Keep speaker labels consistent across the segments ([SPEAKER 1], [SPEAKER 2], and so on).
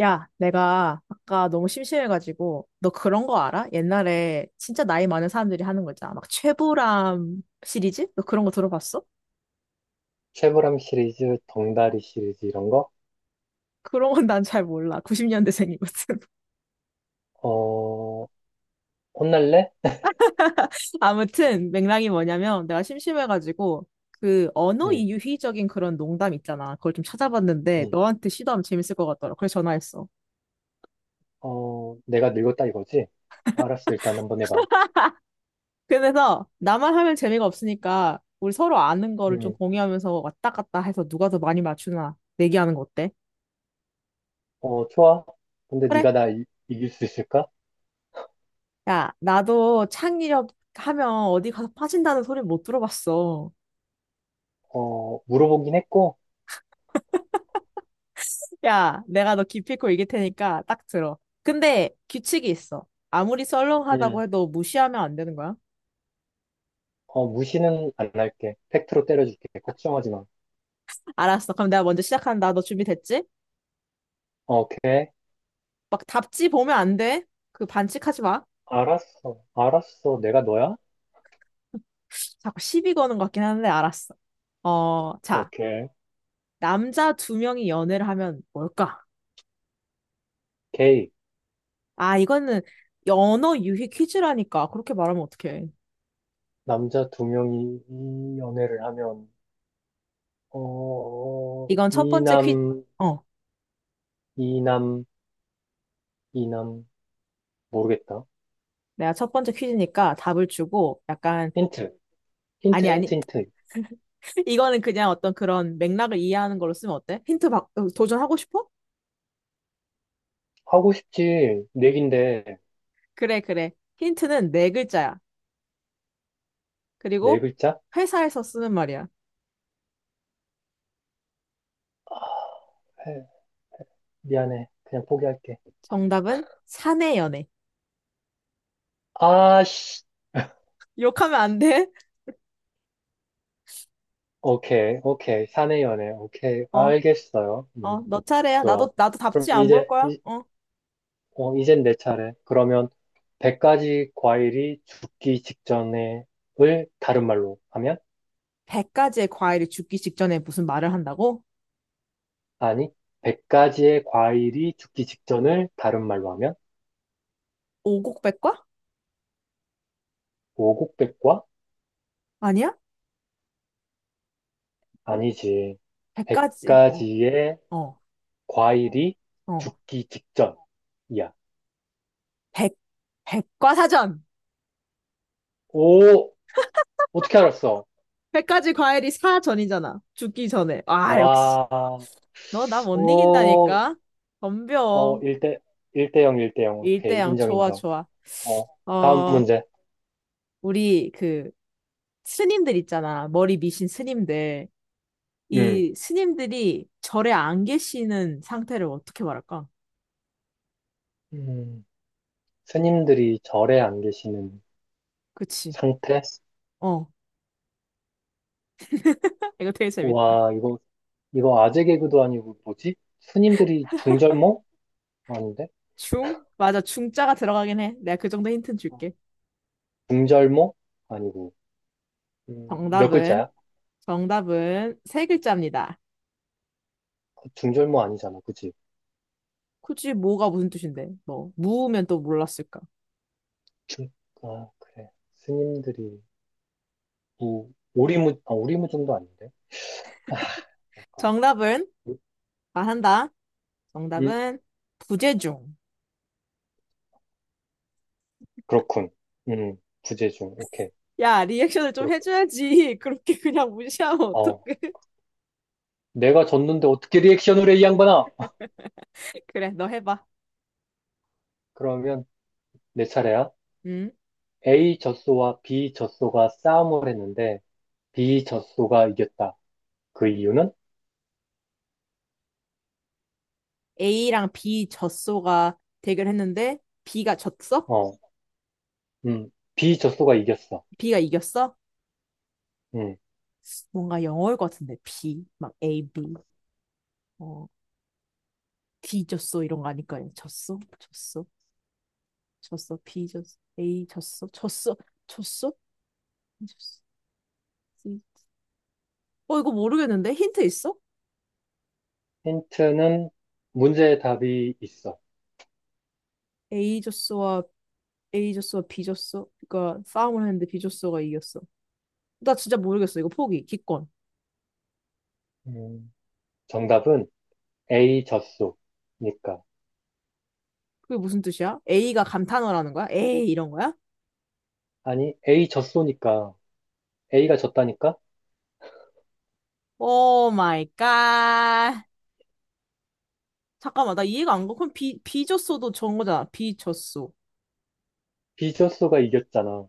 [SPEAKER 1] 야, 내가 아까 너무 심심해가지고, 너 그런 거 알아? 옛날에 진짜 나이 많은 사람들이 하는 거 있잖아. 막 최불암 시리즈? 너 그런 거 들어봤어?
[SPEAKER 2] 쉐보람 시리즈, 덩다리 시리즈 이런 거?
[SPEAKER 1] 그런 건 난 잘 몰라. 90년대생이거든.
[SPEAKER 2] 어, 혼날래?
[SPEAKER 1] 아무튼 맥락이 뭐냐면 내가 심심해가지고 그 언어
[SPEAKER 2] 응,
[SPEAKER 1] 이유희적인 그런 농담 있잖아. 그걸 좀 찾아봤는데
[SPEAKER 2] 응.
[SPEAKER 1] 너한테 시도하면 재밌을 것 같더라. 그래서 전화했어.
[SPEAKER 2] 어, 내가 늙었다 이거지? 알았어, 일단 한번 해봐.
[SPEAKER 1] 그래서 나만 하면 재미가 없으니까 우리 서로 아는 거를 좀
[SPEAKER 2] 응,
[SPEAKER 1] 공유하면서 왔다 갔다 해서 누가 더 많이 맞추나 내기하는 거 어때?
[SPEAKER 2] 어, 좋아. 근데
[SPEAKER 1] 그래?
[SPEAKER 2] 네가 나 이길 수 있을까?
[SPEAKER 1] 야, 나도 창의력 하면 어디 가서 빠진다는 소리 못 들어봤어.
[SPEAKER 2] 어, 물어보긴 했고,
[SPEAKER 1] 야, 내가 너 기필코 이길 테니까 딱 들어. 근데 규칙이 있어. 아무리 썰렁하다고
[SPEAKER 2] 응,
[SPEAKER 1] 해도 무시하면 안 되는 거야.
[SPEAKER 2] 어, 무시는 안 할게. 팩트로 때려줄게. 걱정하지 마.
[SPEAKER 1] 알았어. 그럼 내가 먼저 시작한다. 너 준비됐지?
[SPEAKER 2] 오케이.
[SPEAKER 1] 막 답지 보면 안 돼. 그 반칙하지 마.
[SPEAKER 2] 알았어, 알았어. 내가 너야?
[SPEAKER 1] 자꾸 시비 거는 것 같긴 한데 알았어. 어, 자,
[SPEAKER 2] 오케이.
[SPEAKER 1] 남자 두 명이 연애를 하면 뭘까?
[SPEAKER 2] 게이.
[SPEAKER 1] 아, 이거는 연어 유희 퀴즈라니까. 그렇게 말하면 어떡해.
[SPEAKER 2] 남자 두 명이 이 연애를 하면, 어,
[SPEAKER 1] 이건 첫
[SPEAKER 2] 이
[SPEAKER 1] 번째 퀴즈.
[SPEAKER 2] 남, 이남, 이 남 모르겠다.
[SPEAKER 1] 내가 첫 번째 퀴즈니까 답을 주고 약간
[SPEAKER 2] 힌트, 힌트,
[SPEAKER 1] 아니
[SPEAKER 2] 힌트,
[SPEAKER 1] 아니
[SPEAKER 2] 힌트.
[SPEAKER 1] 이거는 그냥 어떤 그런 맥락을 이해하는 걸로 쓰면 어때? 힌트 박 도전하고 싶어?
[SPEAKER 2] 하고 싶지 네 개인데
[SPEAKER 1] 그래 그래. 힌트는 네 글자야.
[SPEAKER 2] 네
[SPEAKER 1] 그리고
[SPEAKER 2] 글자?
[SPEAKER 1] 회사에서 쓰는 말이야.
[SPEAKER 2] 아, 해. 미안해. 그냥 포기할게.
[SPEAKER 1] 정답은 사내 연애.
[SPEAKER 2] 아씨.
[SPEAKER 1] 욕하면 안 돼?
[SPEAKER 2] 오케이, 오케이. 사내 연애. 오케이.
[SPEAKER 1] 어.
[SPEAKER 2] 알겠어요.
[SPEAKER 1] 어, 너 차례야.
[SPEAKER 2] 좋아.
[SPEAKER 1] 나도 답지
[SPEAKER 2] 그럼
[SPEAKER 1] 안 볼 거야. 어,
[SPEAKER 2] 이젠 내 차례. 그러면 100가지 과일이 죽기 직전에를 다른 말로 하면?
[SPEAKER 1] 100가지의 과일이 죽기 직전에 무슨 말을 한다고?
[SPEAKER 2] 아니, 100가지의 과일이 죽기 직전을 다른 말로 하면?
[SPEAKER 1] 오곡백과?
[SPEAKER 2] 오곡백과
[SPEAKER 1] 아니야? 백과?
[SPEAKER 2] 아니지.
[SPEAKER 1] 100가지
[SPEAKER 2] 100가지의
[SPEAKER 1] 어어어
[SPEAKER 2] 과일이 죽기 직전이야.
[SPEAKER 1] 백과사전.
[SPEAKER 2] 오, 어떻게 알았어?
[SPEAKER 1] 백 가지 과일이 사전이잖아. 죽기 전에. 아, 역시.
[SPEAKER 2] 와,
[SPEAKER 1] 너 나 못
[SPEAKER 2] 오,
[SPEAKER 1] 이긴다니까? 덤벼.
[SPEAKER 2] 1대, 일대 0, 1대 0. 오케이,
[SPEAKER 1] 일대양
[SPEAKER 2] 인정,
[SPEAKER 1] 좋아,
[SPEAKER 2] 인정.
[SPEAKER 1] 좋아.
[SPEAKER 2] 어, 다음
[SPEAKER 1] 어,
[SPEAKER 2] 문제.
[SPEAKER 1] 우리 그 스님들 있잖아. 머리 미신 스님들.
[SPEAKER 2] 음,
[SPEAKER 1] 이 스님들이 절에 안 계시는 상태를 어떻게 말할까?
[SPEAKER 2] 음, 스님들이 절에 안 계시는
[SPEAKER 1] 그치.
[SPEAKER 2] 상태?
[SPEAKER 1] 어. 이거 되게 재밌다.
[SPEAKER 2] 와, 이거 아재 개그도 아니고 뭐지? 스님들이 중절모? 아닌데?
[SPEAKER 1] 중? 맞아. 중자가 들어가긴 해. 내가 그 정도 힌트는 줄게.
[SPEAKER 2] 중절모? 아니고. 몇
[SPEAKER 1] 정답은,
[SPEAKER 2] 글자야?
[SPEAKER 1] 정답은 세 글자입니다.
[SPEAKER 2] 중절모 아니잖아, 그치?
[SPEAKER 1] 굳이 뭐가 무슨 뜻인데? 뭐, 무우면 또 몰랐을까?
[SPEAKER 2] 중, 그래. 스님들이, 뭐, 오리무중도 아닌데? 뭔가.
[SPEAKER 1] 정답은
[SPEAKER 2] 음
[SPEAKER 1] 말한다.
[SPEAKER 2] 음.
[SPEAKER 1] 정답은 부재중.
[SPEAKER 2] 그렇군. 음, 부재중. 오케이.
[SPEAKER 1] 야, 리액션을 좀
[SPEAKER 2] 그렇군.
[SPEAKER 1] 해줘야지. 그렇게 그냥 무시하면
[SPEAKER 2] 어,
[SPEAKER 1] 어떡해.
[SPEAKER 2] 내가 졌는데 어떻게 리액션을 해, 이 양반아?
[SPEAKER 1] 그래, 너 해봐.
[SPEAKER 2] 그러면 내 차례야.
[SPEAKER 1] 음
[SPEAKER 2] A 젖소와 B 젖소가 싸움을 했는데, B 젖소가 이겼다. 그 이유는?
[SPEAKER 1] A랑 B 젖소가 대결했는데 B가 졌어?
[SPEAKER 2] 어, 음, B 젖소가 이겼어.
[SPEAKER 1] B가 이겼어?
[SPEAKER 2] 음,
[SPEAKER 1] 뭔가 영어일 것 같은데 B 막 A B 어 D 졌어 이런 거 아닐까요? 졌어 졌어 졌어 B 졌어 A 졌어 졌어 졌어 B 졌어 C. 이거 모르겠는데 힌트 있어?
[SPEAKER 2] 힌트는 문제의 답이 있어.
[SPEAKER 1] A 졌어와 A 졌어, B 졌어. 그러니까 싸움을 했는데 B 졌어가 이겼어. 나 진짜 모르겠어. 이거 포기, 기권.
[SPEAKER 2] 음, 정답은 A 젖소니까.
[SPEAKER 1] 그게 무슨 뜻이야? A가 감탄어라는 거야? 에이 이런 거야?
[SPEAKER 2] 아니, A 졌소니까, A가 졌다니까?
[SPEAKER 1] 오 마이 갓. 잠깐만, 나 이해가 안 가. 그럼 B, B 졌어도 전 거잖아. B 졌어.
[SPEAKER 2] B 졌소가 이겼잖아.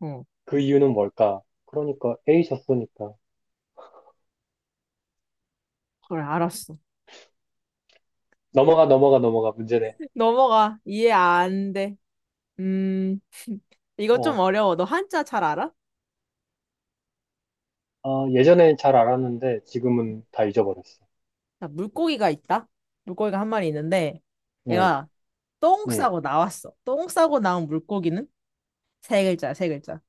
[SPEAKER 1] 어,
[SPEAKER 2] 그 이유는 뭘까? 그러니까 A 졌소니까.
[SPEAKER 1] 그래, 알았어.
[SPEAKER 2] 넘어가, 넘어가, 넘어가. 문제네.
[SPEAKER 1] 넘어가. 이해 안 돼. 음, 이거 좀
[SPEAKER 2] 어,
[SPEAKER 1] 어려워. 너 한자 잘 알아?
[SPEAKER 2] 예전엔 잘 알았는데 지금은 다 잊어버렸어.
[SPEAKER 1] 자, 물고기가 있다. 물고기가 한 마리 있는데,
[SPEAKER 2] 응,
[SPEAKER 1] 얘가 똥
[SPEAKER 2] 응.
[SPEAKER 1] 싸고 나왔어. 똥 싸고 나온 물고기는 세 글자, 야 세 글자.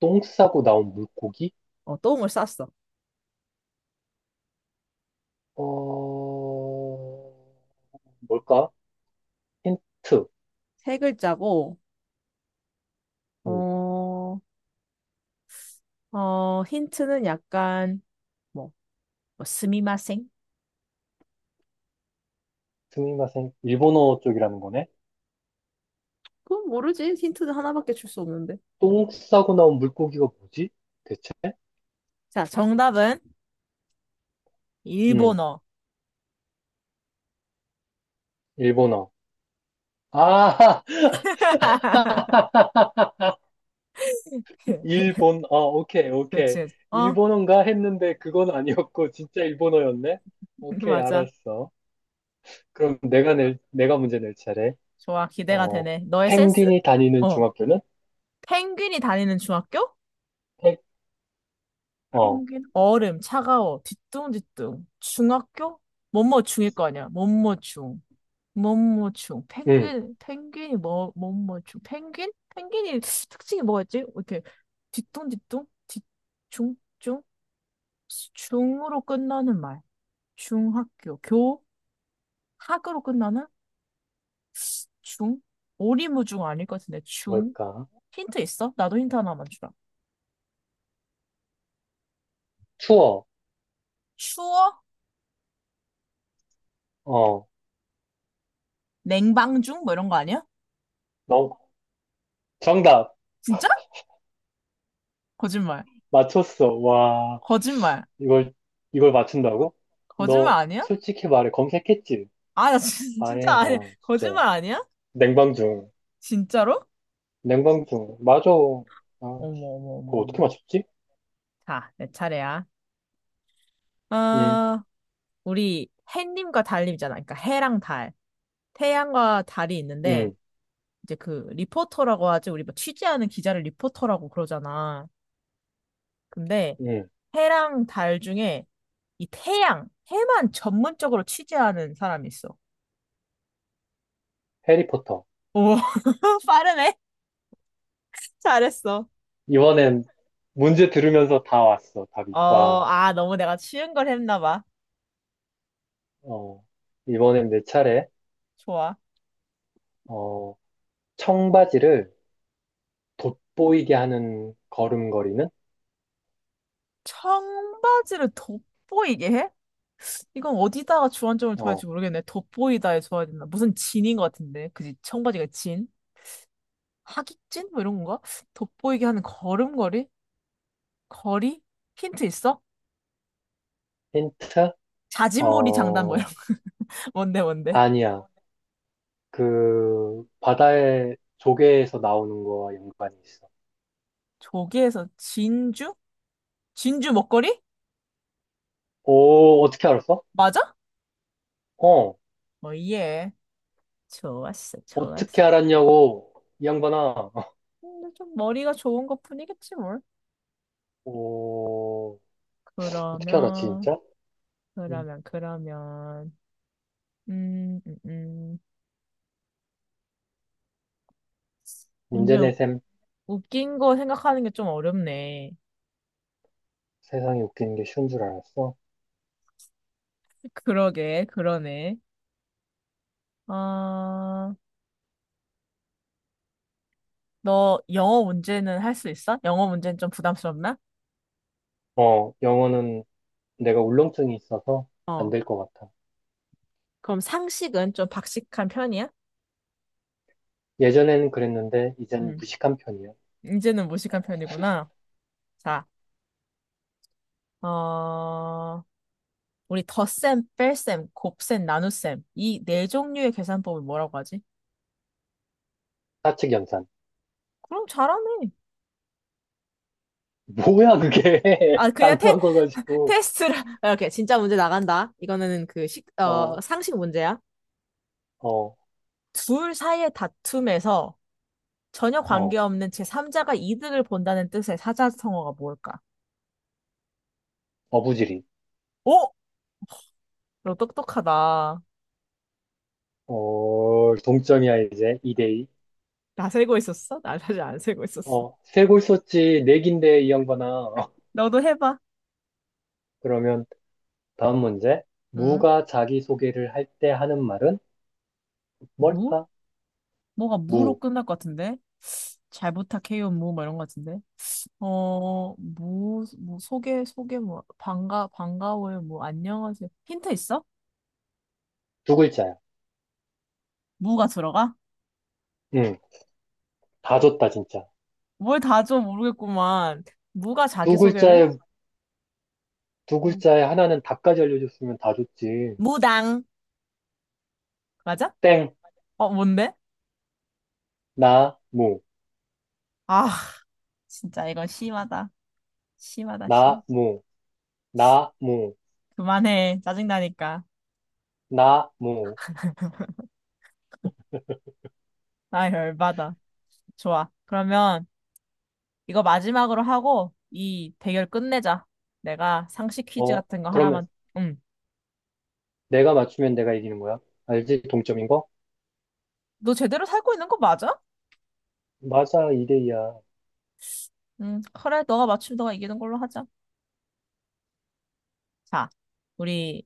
[SPEAKER 2] 똥 싸고 나온 물고기?
[SPEAKER 1] 어, 똥을 쌌어.
[SPEAKER 2] 어, 뭘까? 힌트.
[SPEAKER 1] 세 글자고,
[SPEAKER 2] 응.
[SPEAKER 1] 어, 힌트는 약간, 뭐, 뭐 스미마셍?
[SPEAKER 2] 스미마셍. 일본어 쪽이라는 거네.
[SPEAKER 1] 그건 모르지. 힌트는 하나밖에 줄 수 없는데.
[SPEAKER 2] 똥 싸고 나온 물고기가 뭐지? 대체?
[SPEAKER 1] 자, 정답은
[SPEAKER 2] 응,
[SPEAKER 1] 일본어.
[SPEAKER 2] 일본어. 아, 오케이, 오케이.
[SPEAKER 1] 그치. 어,
[SPEAKER 2] 일본어인가 했는데 그건 아니었고, 진짜 일본어였네? 오케이,
[SPEAKER 1] 맞아.
[SPEAKER 2] 알았어. 그럼 내가 문제 낼 차례.
[SPEAKER 1] 좋아. 기대가
[SPEAKER 2] 어,
[SPEAKER 1] 되네. 너의 센스?
[SPEAKER 2] 펭귄이 다니는
[SPEAKER 1] 어.
[SPEAKER 2] 중학교는?
[SPEAKER 1] 펭귄이 다니는 중학교?
[SPEAKER 2] 펭- 어,
[SPEAKER 1] 펭귄. 얼음, 차가워, 뒤뚱뒤뚱. 중학교? 뭐뭐 중일 거 아니야. 뭐뭐 중. 몸모충,
[SPEAKER 2] 응,
[SPEAKER 1] 펭귄, 펭귄이 뭐, 몸모충, 펭귄? 펭귄이 특징이 뭐였지? 이렇게 뒤뚱뒤뚱, 뒤중, 중, 중으로 끝나는 말. 중학교, 교, 학으로 끝나는 중, 오리무중 아닐 것 같은데, 중.
[SPEAKER 2] 뭘까?
[SPEAKER 1] 힌트 있어? 나도 힌트 하나만 주라.
[SPEAKER 2] 투어,
[SPEAKER 1] 추워?
[SPEAKER 2] 어,
[SPEAKER 1] 냉방중? 뭐 이런 거 아니야?
[SPEAKER 2] 너, 정답,
[SPEAKER 1] 진짜? 거짓말.
[SPEAKER 2] 맞췄어. 와,
[SPEAKER 1] 거짓말.
[SPEAKER 2] 이걸, 이걸 맞춘다고?
[SPEAKER 1] 거짓말
[SPEAKER 2] 너
[SPEAKER 1] 아니야?
[SPEAKER 2] 솔직히 말해, 검색했지?
[SPEAKER 1] 아, 나 진짜
[SPEAKER 2] 아니야,
[SPEAKER 1] 아니야.
[SPEAKER 2] 진짜.
[SPEAKER 1] 거짓말 아니야?
[SPEAKER 2] 냉방중,
[SPEAKER 1] 진짜로?
[SPEAKER 2] 냉방중. 맞아. 아,
[SPEAKER 1] 어머, 어머,
[SPEAKER 2] 그거
[SPEAKER 1] 어머,
[SPEAKER 2] 어떻게
[SPEAKER 1] 어머.
[SPEAKER 2] 맞췄지?
[SPEAKER 1] 자, 내 차례야.
[SPEAKER 2] 응.
[SPEAKER 1] 어, 우리 해님과 달님이잖아. 그러니까 해랑 달. 태양과 달이 있는데,
[SPEAKER 2] 응.
[SPEAKER 1] 이제 그 리포터라고 하지. 우리 뭐 취재하는 기자를 리포터라고 그러잖아. 근데
[SPEAKER 2] 응,
[SPEAKER 1] 해랑 달 중에 이 태양, 해만 전문적으로 취재하는 사람이 있어.
[SPEAKER 2] 해리포터.
[SPEAKER 1] 오, 빠르네. 잘했어.
[SPEAKER 2] 이번엔 문제 들으면서 다 왔어, 답이.
[SPEAKER 1] 어,
[SPEAKER 2] 와,
[SPEAKER 1] 아, 너무 내가 쉬운 걸 했나 봐.
[SPEAKER 2] 어, 이번엔 내 차례.
[SPEAKER 1] 좋아.
[SPEAKER 2] 어, 청바지를 돋보이게 하는 걸음걸이는?
[SPEAKER 1] 청바지를 돋보이게 해? 이건 어디다가 주안점을 둬야 할지
[SPEAKER 2] 어,
[SPEAKER 1] 모르겠네. 돋보이다에 줘야 되나? 무슨 진인 것 같은데. 그지? 청바지가 진? 하깃진? 뭐 이런 건가? 돋보이게 하는 걸음걸이? 거리? 힌트 있어?
[SPEAKER 2] 힌트?
[SPEAKER 1] 자진몰이 장단 뭐
[SPEAKER 2] 어,
[SPEAKER 1] 이런 거. 뭔데 뭔데?
[SPEAKER 2] 아니야. 바다의 조개에서 나오는 거와 연관이 있어.
[SPEAKER 1] 조개에서 진주? 진주 먹거리?
[SPEAKER 2] 오, 어떻게 알았어?
[SPEAKER 1] 맞아?
[SPEAKER 2] 어,
[SPEAKER 1] 어, 예. 좋았어, 좋았어.
[SPEAKER 2] 어떻게 알았냐고, 이 양반아.
[SPEAKER 1] 근데 좀 머리가 좋은 것 뿐이겠지 뭘.
[SPEAKER 2] 오, 어떻게 알았지,
[SPEAKER 1] 그러면,
[SPEAKER 2] 진짜? 음,
[SPEAKER 1] 그러면. 음, 음, 음.
[SPEAKER 2] 문제
[SPEAKER 1] 이제
[SPEAKER 2] 내셈.
[SPEAKER 1] 웃긴 거 생각하는 게 좀 어렵네.
[SPEAKER 2] 세상에 웃기는 게 쉬운 줄 알았어.
[SPEAKER 1] 그러게, 그러네. 아, 너 영어 문제는 할 수 있어? 영어 문제는 좀 부담스럽나?
[SPEAKER 2] 영어는 내가 울렁증이 있어서 안
[SPEAKER 1] 어.
[SPEAKER 2] 될 것 같아.
[SPEAKER 1] 그럼 상식은 좀 박식한 편이야?
[SPEAKER 2] 예전에는 그랬는데, 이젠
[SPEAKER 1] 음,
[SPEAKER 2] 무식한 편이야.
[SPEAKER 1] 이제는 무식한 편이구나. 자, 어, 우리 덧셈, 뺄셈, 곱셈, 나눗셈. 이 네 종류의 계산법을 뭐라고 하지?
[SPEAKER 2] 사측 연산.
[SPEAKER 1] 그럼 잘하네.
[SPEAKER 2] 뭐야, 그게.
[SPEAKER 1] 아, 그냥
[SPEAKER 2] 당연한 거 가지고.
[SPEAKER 1] 테스트를. 이렇게 진짜 문제 나간다. 이거는 그 식, 어,
[SPEAKER 2] 어,
[SPEAKER 1] 상식 문제야.
[SPEAKER 2] 어,
[SPEAKER 1] 둘 사이의 다툼에서 전혀
[SPEAKER 2] 어,
[SPEAKER 1] 관계없는 제3자가 이득을 본다는 뜻의 사자성어가 뭘까?
[SPEAKER 2] 어부지리.
[SPEAKER 1] 오! 너 똑똑하다.
[SPEAKER 2] 동점이야, 이제. 2대2.
[SPEAKER 1] 나 세고 있었어? 나 사실 안 세고 있었어.
[SPEAKER 2] 세골 썼지, 내긴데, 이 양반아.
[SPEAKER 1] 너도 해봐.
[SPEAKER 2] 그러면, 다음 문제.
[SPEAKER 1] 응?
[SPEAKER 2] 무가 자기소개를 할 때 하는 말은
[SPEAKER 1] 무?
[SPEAKER 2] 뭘까?
[SPEAKER 1] 뭐가 무로
[SPEAKER 2] 무.
[SPEAKER 1] 끝날 것 같은데? 잘 부탁해요, 무, 뭐 이런 것 같은데? 어, 무... 뭐, 소개, 소개, 뭐, 반가, 반가워요, 뭐, 안녕하세요. 힌트 있어?
[SPEAKER 2] 두 글자야.
[SPEAKER 1] 무가 들어가?
[SPEAKER 2] 응, 다 줬다, 진짜.
[SPEAKER 1] 뭘 다 줘 모르겠구만. 무가
[SPEAKER 2] 두
[SPEAKER 1] 자기소개를? 해?
[SPEAKER 2] 글자에 두
[SPEAKER 1] 무.
[SPEAKER 2] 글자에 하나는 답까지 알려줬으면 다 좋지.
[SPEAKER 1] 무당. 맞아?
[SPEAKER 2] 땡,
[SPEAKER 1] 어, 뭔데?
[SPEAKER 2] 나, 무,
[SPEAKER 1] 아, 진짜 이건 심하다. 심하다, 심.
[SPEAKER 2] 나, 무, 나, 무,
[SPEAKER 1] 그만해. 짜증나니까.
[SPEAKER 2] 나, 무.
[SPEAKER 1] 나 열받아. 좋아. 그러면 이거 마지막으로 하고 이 대결 끝내자. 내가 상식 퀴즈
[SPEAKER 2] 어,
[SPEAKER 1] 같은 거
[SPEAKER 2] 그러면
[SPEAKER 1] 하나만. 응.
[SPEAKER 2] 내가 맞추면 내가 이기는 거야? 알지? 동점인 거?
[SPEAKER 1] 너 제대로 살고 있는 거 맞아?
[SPEAKER 2] 맞아, 2대 2야.
[SPEAKER 1] 응. 그래, 너가 맞추면 너가 이기는 걸로 하자. 자, 우리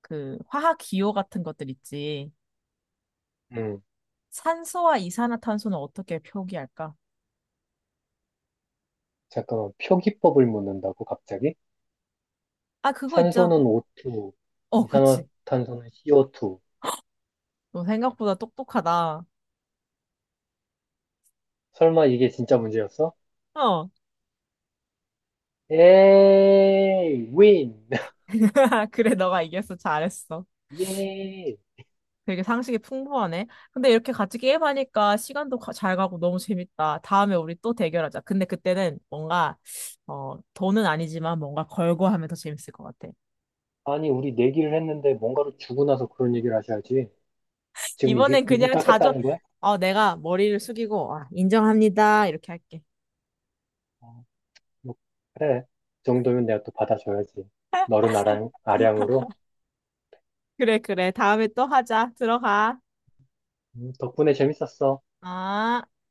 [SPEAKER 1] 그 화학 기호 같은 것들 있지.
[SPEAKER 2] 음,
[SPEAKER 1] 산소와 이산화탄소는 어떻게 표기할까?
[SPEAKER 2] 잠깐만. 표기법을 묻는다고, 갑자기?
[SPEAKER 1] 아, 그거 있잖아.
[SPEAKER 2] 산소는 O2,
[SPEAKER 1] 어, 그치.
[SPEAKER 2] 이산화탄소는 CO2.
[SPEAKER 1] 너 생각보다 똑똑하다.
[SPEAKER 2] 설마 이게 진짜 문제였어?
[SPEAKER 1] 어.
[SPEAKER 2] 에이, 윈!
[SPEAKER 1] 그래, 너가 이겼어. 잘했어.
[SPEAKER 2] 예!
[SPEAKER 1] 되게 상식이 풍부하네. 근데 이렇게 같이 게임하니까 시간도 잘 가고 너무 재밌다. 다음에 우리 또 대결하자. 근데 그때는 뭔가, 어, 돈은 아니지만 뭔가 걸고 하면 더 재밌을 것 같아.
[SPEAKER 2] 아니, 우리 내기를 했는데 뭔가로 주고 나서 그런 얘기를 하셔야지. 지금 이게,
[SPEAKER 1] 이번엔
[SPEAKER 2] 이걸
[SPEAKER 1] 그냥 자주,
[SPEAKER 2] 따겠다는 거야?
[SPEAKER 1] 어, 내가 머리를 숙이고, 아, 인정합니다. 이렇게 할게.
[SPEAKER 2] 아, 뭐, 그래. 그 정도면 내가 또 받아줘야지. 너른 아량, 아량으로.
[SPEAKER 1] 그래, 그래. 다음에 또 하자. 들어가.
[SPEAKER 2] 덕분에 재밌었어.
[SPEAKER 1] 아.